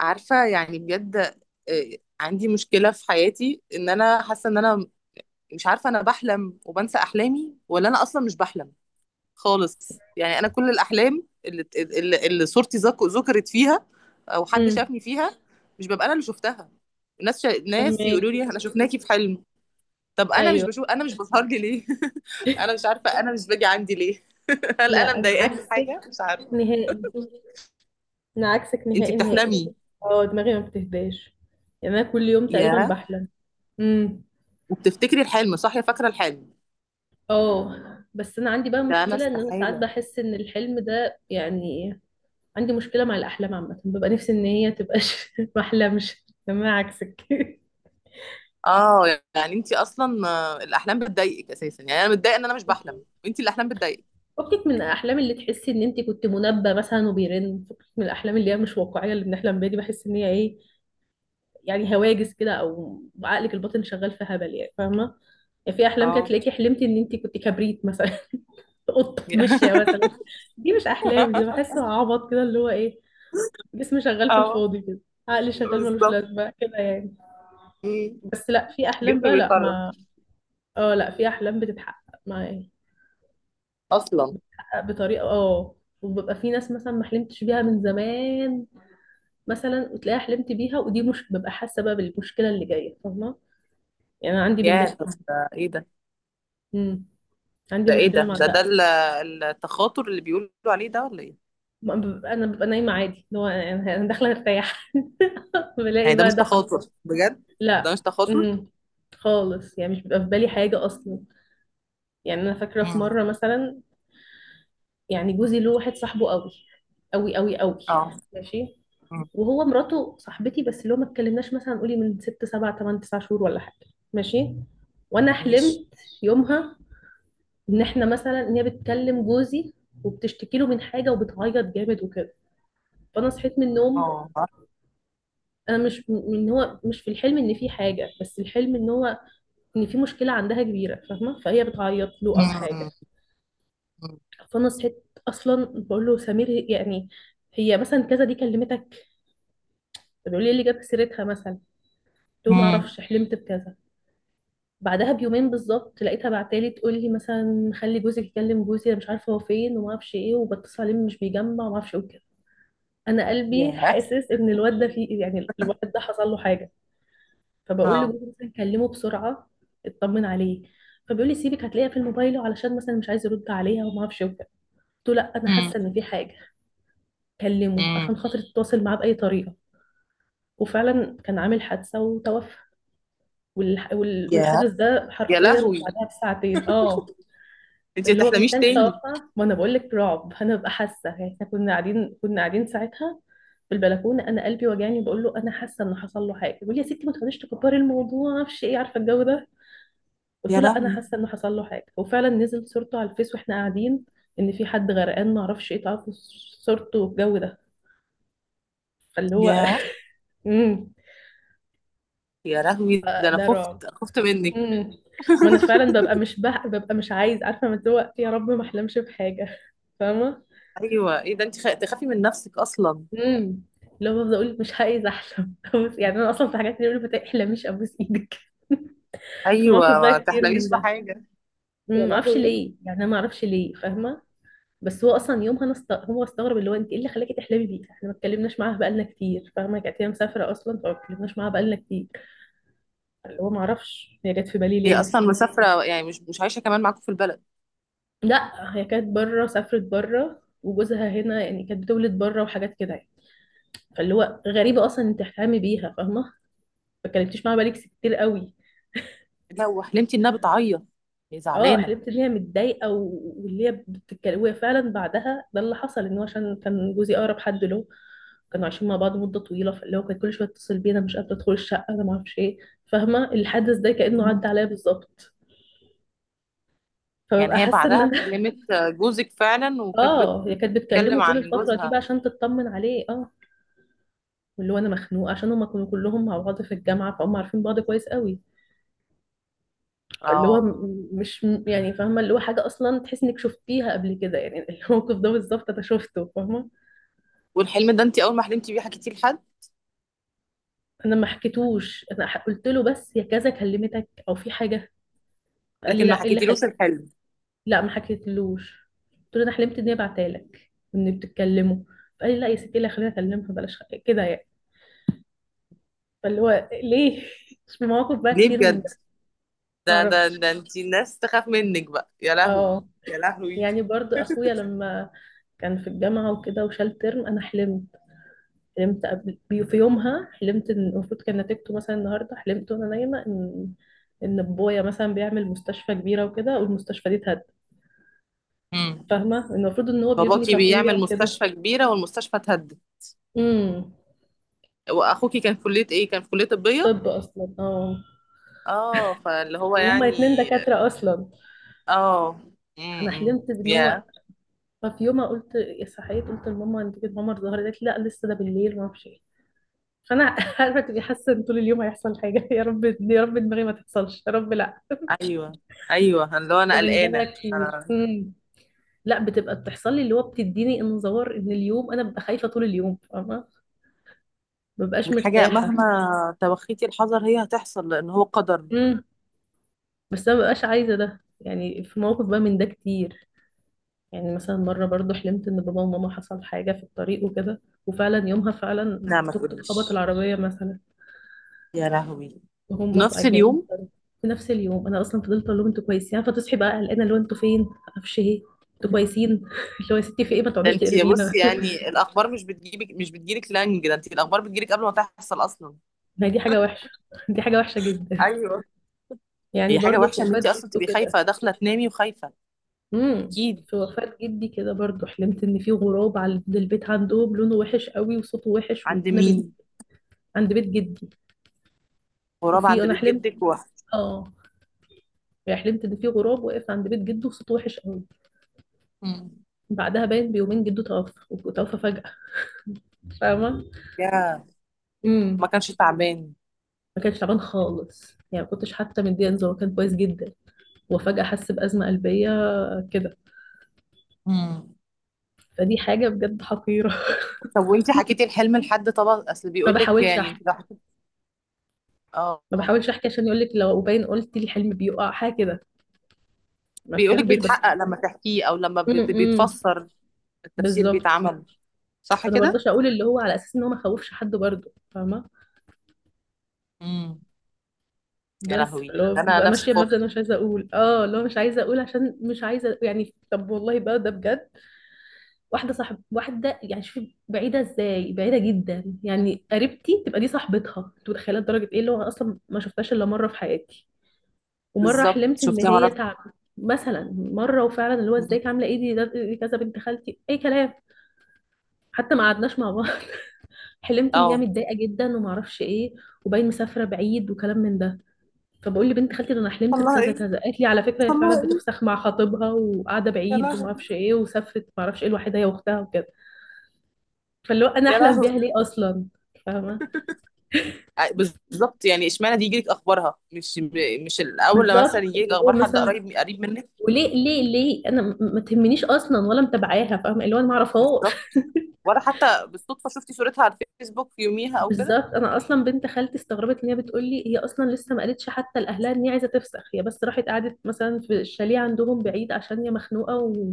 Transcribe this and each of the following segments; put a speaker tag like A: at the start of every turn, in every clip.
A: عارفة يعني بجد. عندي مشكلة في حياتي ان انا حاسة ان انا مش عارفة، انا بحلم وبنسى احلامي ولا انا اصلا مش بحلم خالص. يعني انا كل الاحلام اللي صورتي ذكرت فيها او حد
B: امم.
A: شافني فيها، مش ببقى انا اللي شفتها. ناس
B: فهمك.
A: يقولوا لي احنا شفناكي في حلم. طب انا مش
B: ايوه.
A: بشوف، انا مش بظهر لي ليه؟ انا مش عارفة، انا مش باجي عندي ليه؟ هل انا
B: لا، انا
A: مضايقاني في
B: عكسك
A: حاجة؟ مش عارفة.
B: نهائي، انا عكسك
A: انتي
B: نهائي نهائي.
A: بتحلمي؟
B: اه، دماغي ما بتهداش، يعني انا كل يوم تقريبا
A: ياه.
B: بحلم. امم.
A: وبتفتكري الحلم صح يا فاكرة الحلم؟
B: اه. بس انا عندي بقى
A: ده انا
B: مشكله ان انا ساعات
A: استحالة.
B: بحس ان الحلم ده يعني عندي مشكله مع الاحلام عامه، ببقى نفسي ان هي تبقاش ما احلمش، تمام عكسك.
A: اه. يعني انت اصلا الاحلام بتضايقك اساسا؟ يعني انا متضايقه ان انا مش بحلم وانت الاحلام بتضايقك.
B: فكك من الاحلام اللي تحسي ان انت كنت منبه مثلا وبيرن، فكك من الاحلام اللي هي مش واقعيه اللي بنحلم بيها دي، بحس ان هي ايه، يعني هواجس كده او عقلك الباطن شغال في هبل، يعني فاهمه. يعني في احلام كده
A: اه.
B: تلاقيكي حلمتي ان انت كنت كبريت مثلا، قطه ماشيه مثلا. دي مش احلام، دي بحسه عبط كده، اللي هو ايه، جسمي شغال في
A: اه.
B: الفاضي كده، عقلي شغال ملوش
A: بالظبط.
B: لازمه كده يعني.
A: مم.
B: بس لا، في احلام
A: جسمي
B: بقى، لا
A: بيخرف
B: ما، اه لا، في احلام بتتحقق معايا
A: اصلا.
B: بطريقه اه، وببقى في ناس مثلا ما حلمتش بيها من زمان مثلا وتلاقيها حلمت بيها، ودي مش ببقى حاسه بقى بالمشكله اللي جايه، فاهمه؟ يعني انا عندي من ده
A: يا طب
B: كتير.
A: ده ايه ده؟
B: امم. عندي
A: ده ايه
B: مشكلة مع ده أوي.
A: التخاطر اللي بيقولوا عليه ده ولا ايه؟
B: ما ببقى- أنا ببقى نايمة عادي، اللي هو أنا داخلة أرتاح، بلاقي
A: يعني ده مش
B: بقى ده
A: تخاطر
B: حصل.
A: بجد؟ ده
B: لا.
A: مش تخاطر.
B: امم. خالص، يعني مش بيبقى في بالي حاجة أصلا. يعني أنا فاكرة في
A: امم.
B: مرة مثلا، يعني جوزي له واحد صاحبه قوي قوي قوي قوي،
A: اه.
B: ماشي،
A: امم.
B: وهو مراته صاحبتي، بس اللي هو ما اتكلمناش مثلا قولي من ست سبع تمن تسع شهور ولا حاجة، ماشي. وأنا حلمت
A: ماشي.
B: يومها إن إحنا مثلا، إن هي بتكلم جوزي وبتشتكي له من حاجة وبتعيط جامد وكده. فأنا صحيت من النوم،
A: اه.
B: انا مش م- ان هو مش في الحلم ان في حاجه، بس الحلم ان هو ان في مشكله عندها كبيره، فاهمه؟ فهي بتعيط له او حاجه.
A: امم.
B: فانا صحيت اصلا بقول له: سمير، يعني هي مثلا كذا، دي كلمتك. طب بيقول لي إيه اللي جاب سيرتها مثلا، قلت له ما
A: امم.
B: اعرفش، حلمت بكذا. بعدها بيومين بالظبط لقيتها بعتالي تقول لي مثلا خلي جوزك يكلم جوزي انا مش عارفه هو فين وما اعرفش ايه وبتصل عليه مش بيجمع وما اعرفش ايه وكده. انا قلبي
A: يا.
B: حاسس ان الواد ده فيه، يعني الواد ده حصل له حاجه. فبقول
A: اه.
B: لجوزي مثلا كلمه بسرعه اطمن عليه. فبيقول لي سيبك هتلاقيها في الموبايل، علشان مثلا مش عايز يرد عليها وما اعرفش وكده. قلت له لا، انا حاسه ان في حاجه، كلمه عشان
A: امم.
B: خاطر تتواصل معاه باي طريقه. وفعلا كان عامل حادثه وتوفى.
A: يا.
B: والحدث ده
A: يا
B: حرفيا
A: لهوي،
B: بعدها بساعتين، اه.
A: انت ما
B: اللي هو ما
A: تحلميش
B: كانش
A: تاني.
B: توفى، ما انا بقول لك رعب، انا ببقى حاسه يعني احنا كنا قاعدين ساعتها في البلكونه، انا قلبي وجعني، بقول له انا حاسه ان حصل له حاجه، بيقول لي يا ستي ما تقعديش تكبري الموضوع ما اعرفش ايه، عارفه الجو ده. قلت
A: يا
B: له لا، انا
A: لهوي.
B: حاسه انه حصل له حاجه، وفعلا نزل صورته على الفيس واحنا قاعدين، ان في حد غرقان ما اعرفش ايه، تعرفوا؟ صورته والجو ده. فاللي هو
A: يا
B: امم.
A: يا لهوي، ده انا
B: ده رعب.
A: خفت، أنا خفت منك.
B: امم. ما انا فعلا ببقى مش عايز، عارفه، من دلوقتي يا رب ما احلمش بحاجه. فاهمه؟
A: ايوه، ايه ده، انت تخافي من نفسك اصلا؟
B: امم. اللي هو بفضل اقول مش عايز احلم، يعني انا اصلا في حاجات اللي بيقولوا ما تحلميش، ابوس ايدك. في
A: ايوه،
B: موقف بقى
A: ما
B: كتير من
A: تحلميش
B: ده.
A: بحاجه. يا
B: ما اعرفش
A: لهوي.
B: ليه، يعني انا ما اعرفش ليه، فاهمه؟ بس هو اصلا يومها هو استغرب، اللي هو انت ايه اللي خلاكي تحلمي بيه، احنا ما اتكلمناش معاها بقالنا كتير، فاهمه؟ كانت هي مسافره اصلا، فما اتكلمناش معاها بقالنا كتير، اللي هو ما اعرفش هي جت في بالي
A: هي
B: ليه.
A: اصلا مسافره يعني، مش عايشه كمان معاكم في البلد؟
B: لا، هي كانت بره، سافرت بره، وجوزها هنا، يعني كانت بتولد بره وحاجات كده يعني. فاللي هو غريبه اصلا انت تحلمي بيها، فاهمه؟ ما اتكلمتيش معاها بقالك كتير قوي.
A: لا، وحلمتي انها بتعيط؟ هي
B: اه،
A: زعلانه.
B: حلمت ان هي متضايقه واللي هي بتتكلم، وهي فعلا بعدها ده اللي حصل، ان هو عشان كان جوزي اقرب حد له، كانوا عايشين مع بعض مده طويله، فاللي هو كان كل شويه يتصل بينا، مش قادره ادخل الشقه، انا ما اعرفش ايه، فاهمه؟ الحدث ده كانه
A: مم.
B: عدى عليا بالظبط، فببقى
A: يعني هي
B: حاسه ان
A: بعدها
B: انا.
A: كلمت جوزك فعلا وكانت
B: اه، هي كانت بتكلمه
A: بتتكلم
B: طول
A: عن
B: الفتره دي بقى
A: جوزها؟
B: عشان تطمن عليه، اه. واللي هو انا مخنوقه عشان هما كانوا كلهم مع بعض في الجامعه، فهم عارفين بعض كويس قوي، فاللي هو
A: اه.
B: م- مش م- يعني فاهمه، اللي هو حاجه اصلا تحس انك شفتيها قبل كده يعني، الموقف ده بالظبط انا شفته، فاهمه؟
A: والحلم ده انت اول ما حلمتي بيه حكيتيه لحد؟
B: انا ما حكيتوش، قلت له بس يا كذا كلمتك او في حاجه، قال لي
A: لكن ما
B: لا ايه اللي
A: حكيتيلوش
B: خلاك.
A: الحلم
B: لا، ما حكيتلوش. قلت له انا حلمت اني بعتلك وان بتتكلموا، فقال لي لا يا ستي، إيه اللي خلينا اكلمها، بلاش كده يعني. فاللي هو ليه. في مواقف بقى
A: ليه
B: كتير من
A: بجد؟
B: ده، ما
A: ده ده
B: اعرفش.
A: ده انتي الناس تخاف منك بقى، يا لهوي.
B: اه،
A: يا لهوي.
B: يعني برضو اخويا لما كان في الجامعه وكده وشال ترم، انا حلمت، حلمت في يومها، حلمت ان المفروض كان نتيجته مثلا النهارده، حلمت وانا نايمه ان بابايا مثلا بيعمل مستشفى كبيره وكده والمستشفى دي اتهد،
A: امم.
B: فاهمة؟ المفروض ان هو بيبني
A: باباكي
B: فخوية
A: بيعمل
B: وكده.
A: مستشفى كبيرة والمستشفى اتهدت؟
B: امم.
A: واخوكي كان في كلية ايه، كان في كلية طبية؟
B: طب اصلا اه.
A: اه. فاللي هو
B: وهما
A: يعني.
B: اتنين دكاترة اصلا.
A: اه.
B: انا
A: امم.
B: حلمت بان هو،
A: يا.
B: ففي يوم قلت، صحيت قلت لماما: انت كده ماما الظهر، قالت لي لا لسه ده بالليل ما اعرفش ايه. فانا عارفه تبقي حاسه ان طول اليوم هيحصل حاجه، يا رب يا رب دماغي ما تحصلش يا رب، لا.
A: ايوه، ايوه اللي هو انا
B: فمن ده بقى
A: قلقانة
B: كتير،
A: انا.
B: امم. لا بتبقى بتحصل لي، اللي هو بتديني انذار ان اليوم انا ببقى خايفه طول اليوم، فاهمه؟ ما ببقاش
A: والحاجة
B: مرتاحه.
A: مهما توخيتي الحذر هي هتحصل لان هو قدر.
B: امم. بس انا ما ببقاش عايزه ده، يعني في موقف بقى من ده كتير. يعني مثلا مرة برضو حلمت إن بابا وماما حصل حاجة في الطريق وكده، وفعلا يومها فعلا
A: لا ما
B: توك توك خبط
A: تقوليش.
B: العربية مثلا،
A: يا لهوي.
B: وهم
A: نفس
B: جايين على
A: اليوم؟
B: الطريق. في نفس اليوم أنا أصلا فضلت أقول لهم أنتوا كويسين، فتصحي بقى قلقانة اللي هو أنتوا فين معرفش إيه، أنتوا كويسين. اللي هو يا ستي في إيه، ما
A: ده
B: تقعديش
A: انت،
B: تقري فينا.
A: بصي يعني الاخبار مش بتجيبك، مش بتجيلك لانج، ده انت الاخبار بتجيلك قبل ما تحصل اصلا.
B: ما هي دي حاجة وحشة، دي حاجة وحشة جدا.
A: ايوه.
B: يعني
A: هي حاجه
B: برضو في
A: وحشه ان
B: وفاة
A: انت اصلا
B: جده
A: تبقي
B: كده،
A: خايفه داخله تنامي وخايفه.
B: امم.
A: اكيد.
B: في وفاة جدي كده برضو حلمت إن في غراب على عند البيت عندهم لونه وحش قوي وصوته وحش،
A: عند مين؟
B: عند بيت جدي.
A: غراب
B: وفي
A: عند
B: أنا
A: بيت
B: حلمت،
A: جدك.
B: اه، حلمت ان في غراب واقف عند بيت جده وصوته وحش قوي.
A: مم.
B: بعدها باين بيومين جده توفى، وتوفى فجأة، فاهمة؟
A: يا.
B: امم.
A: ما كانش تعبان؟
B: ما كانش تعبان خالص، يعني ما كنتش حتى مديه انذار، هو كان كويس جدا، وفجأة حس بأزمة قلبية كده.
A: مم.
B: فدي حاجة بجد حقيرة.
A: طب وانت حكيتي الحلم لحد طبعا، اصل
B: ما
A: بيقول لك،
B: بحاولش
A: يعني
B: احكي،
A: انت لو. اه.
B: ما بحاولش احكي عشان يقول لك لو باين قلت لي الحلم بيقع حاجة كده، ما
A: بيقول لك
B: فهمتش بس.
A: بيتحقق لما تحكيه او لما
B: امم.
A: بيتفسر؟ التفسير
B: بالظبط.
A: بيتعمل. صح
B: فانا
A: كده.
B: برضاش اقول، اللي هو على اساس ان هو ما خوفش حد برضه، فاهمة؟
A: امم. يا
B: بس
A: لهوي،
B: اللي هو
A: ده انا
B: ببقى
A: نفسي
B: ماشيه بمبدأ
A: خفت.
B: انا مش عايزه اقول، اه اللي هو مش عايزه اقول عشان مش عايزه، يعني طب والله بقى ده بجد. واحده صاحب واحده، يعني شوفي بعيده ازاي، بعيده جدا، يعني قريبتي تبقى دي صاحبتها، انت متخيله لدرجه ايه، اللي هو انا اصلا ما شفتهاش الا مره في حياتي، ومره
A: بالظبط،
B: حلمت ان
A: شفتي
B: هي
A: مرة.
B: تعب مثلا، مره. وفعلا اللي هو
A: مم.
B: ازيك عامله ايه دي، دي كذا بنت خالتي اي كلام، حتى ما قعدناش مع بعض. حلمت ان هي
A: اه.
B: متضايقه جدا وما اعرفش ايه، وباين مسافره بعيد وكلام من ده. فبقول لبنت خالتي ده انا حلمت
A: والله
B: بكذا
A: ايه،
B: كذا، قالت لي على فكره هي
A: والله
B: فعلا
A: ايه.
B: بتفسخ مع خطيبها وقاعده
A: يا
B: بعيد وما
A: لهوي.
B: اعرفش ايه وسافرت ما اعرفش ايه لوحدها هي واختها وكده. فاللي هو انا
A: يا
B: احلم
A: لهوي.
B: بيها ليه اصلا، فاهمه؟
A: بالظبط يعني، اشمعنى دي يجيلك اخبارها، مش الاول لما
B: بالظبط
A: مثلا يجيلك
B: اللي هو
A: اخبار حد
B: مثلا،
A: قريب قريب منك؟
B: وليه ليه ليه انا ما تهمنيش اصلا ولا متابعاها، فاهمه؟ اللي هو انا ما اعرفهاش.
A: بالظبط. ولا حتى بالصدفه شفتي صورتها على الفيسبوك في يوميها او كده؟
B: بالظبط انا اصلا بنت خالتي استغربت ان هي بتقول لي هي اصلا لسه ما قالتش حتى لاهلها ان هي عايزه تفسخ، هي بس راحت قعدت مثلا في الشاليه عندهم بعيد عشان هي مخنوقه و...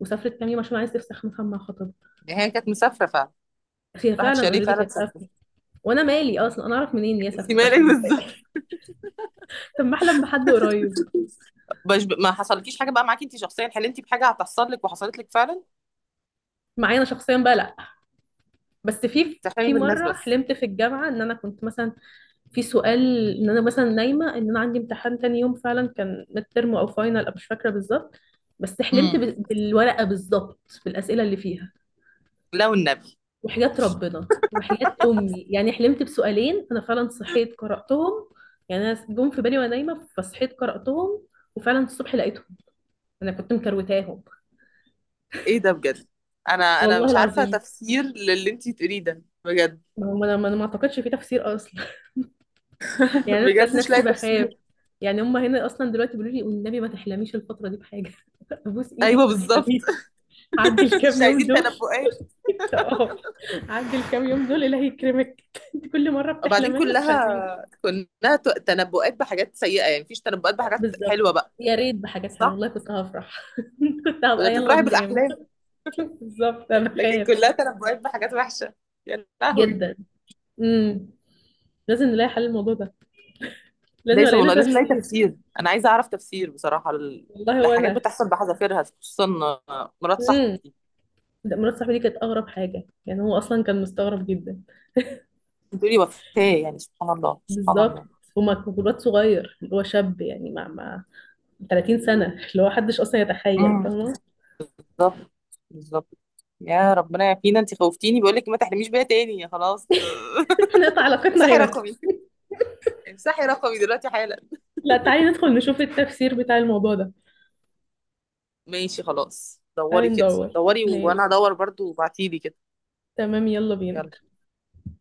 B: وسافرت كام يوم عشان عايزه تفسخ مثلا مع خطيبها.
A: يعني هي كانت مسافره فعلا؟
B: هي
A: راحت
B: فعلا
A: شاليه
B: اوريدي
A: فعلا
B: كانت
A: مسافره؟
B: سافرة. وانا مالي اصلا انا اعرف منين إن هي
A: انت
B: سافرت
A: مالك
B: عشان متضايقه.
A: بالظبط.
B: طب ما احلم بحد قريب.
A: مش ب... ما حصلكيش حاجه بقى معاكي انت شخصيا، حلمتي بحاجه هتحصل لك وحصلت لك فعلا؟
B: معايا انا شخصيا بقى لا، بس في
A: تحلمي
B: في
A: بالناس
B: مره
A: بس؟
B: حلمت في الجامعه ان انا كنت مثلا في سؤال ان انا مثلا نايمه ان انا عندي امتحان تاني يوم، فعلا كان ميد ترم او فاينل أو مش فاكره بالظبط، بس حلمت
A: امم.
B: بالورقه بالظبط، بالاسئله اللي فيها،
A: لا والنبي.
B: وحياه ربنا وحياه امي يعني حلمت بسؤالين انا فعلا صحيت قراتهم، يعني انا جم في بالي وانا نايمه فصحيت قراتهم، وفعلا الصبح لقيتهم، انا كنت مكروتاهم.
A: ايه ده بجد، انا
B: والله
A: مش عارفه
B: العظيم.
A: تفسير للي انت تقوليه ده بجد.
B: ما هو انا ما اعتقدش في تفسير اصلا. يعني انا ذات
A: بجد مش
B: نفسي
A: لاقي
B: بخاف،
A: تفسير.
B: يعني هم هنا اصلا دلوقتي بيقولوا لي والنبي ما تحلميش الفتره دي بحاجه، ابوس ايدك
A: ايوه
B: ما
A: بالظبط.
B: تحلميش، عدي
A: مش
B: الكام يوم
A: عايزين
B: دول.
A: تنبؤات.
B: اه، عدي الكام يوم دول الله يكرمك. انت كل مره
A: وبعدين
B: بتحلمي لنا مش
A: كلها
B: عارفين
A: كلها ت- تنبؤات بحاجات سيئة، يعني مفيش تنبؤات بحاجات
B: بالظبط.
A: حلوة بقى؟
B: يا ريت بحاجات حلوه
A: صح؟
B: والله كنت هفرح، كنت
A: بدها
B: هبقى يلا
A: تفرحي
B: ننام.
A: بالأحلام.
B: بالظبط انا
A: لكن
B: بخاف
A: كلها تنبؤات بحاجات وحشة. يا لهوي.
B: جدا. امم. لازم نلاقي حل الموضوع ده، لازم
A: لازم
B: الاقي له
A: والله، لازم نلاقي
B: تفسير.
A: تفسير، أنا عايزة أعرف تفسير بصراحة لحاجات
B: والله.
A: بتحصل بحذافيرها، خصوصا مرات صاحبك
B: وانا.
A: دي.
B: لا، مرات صاحبي دي كانت اغرب حاجه، يعني هو اصلا كان مستغرب جدا،
A: بتقولي وفاة، يعني سبحان الله سبحان
B: بالظبط.
A: الله.
B: وواد صغير اللي هو شاب، يعني مع 30 سنه، اللي هو محدش اصلا يتخيل،
A: امم.
B: فاهمه؟
A: بالظبط. بالظبط. يا ربنا يعافينا، انت خوفتيني، بقول لك ما تحرميش بيها تاني يا خلاص.
B: احنا نقطع علاقتنا
A: امسحي
B: هنا.
A: رقمي، امسحي رقمي دلوقتي حالا.
B: لا، تعالي ندخل نشوف التفسير بتاع الموضوع ده،
A: ماشي خلاص،
B: تعالي
A: دوري كده،
B: ندور،
A: دوري وانا
B: ماشي،
A: هدور برضو وبعتيلي كده.
B: تمام يلا بينا.
A: يلا.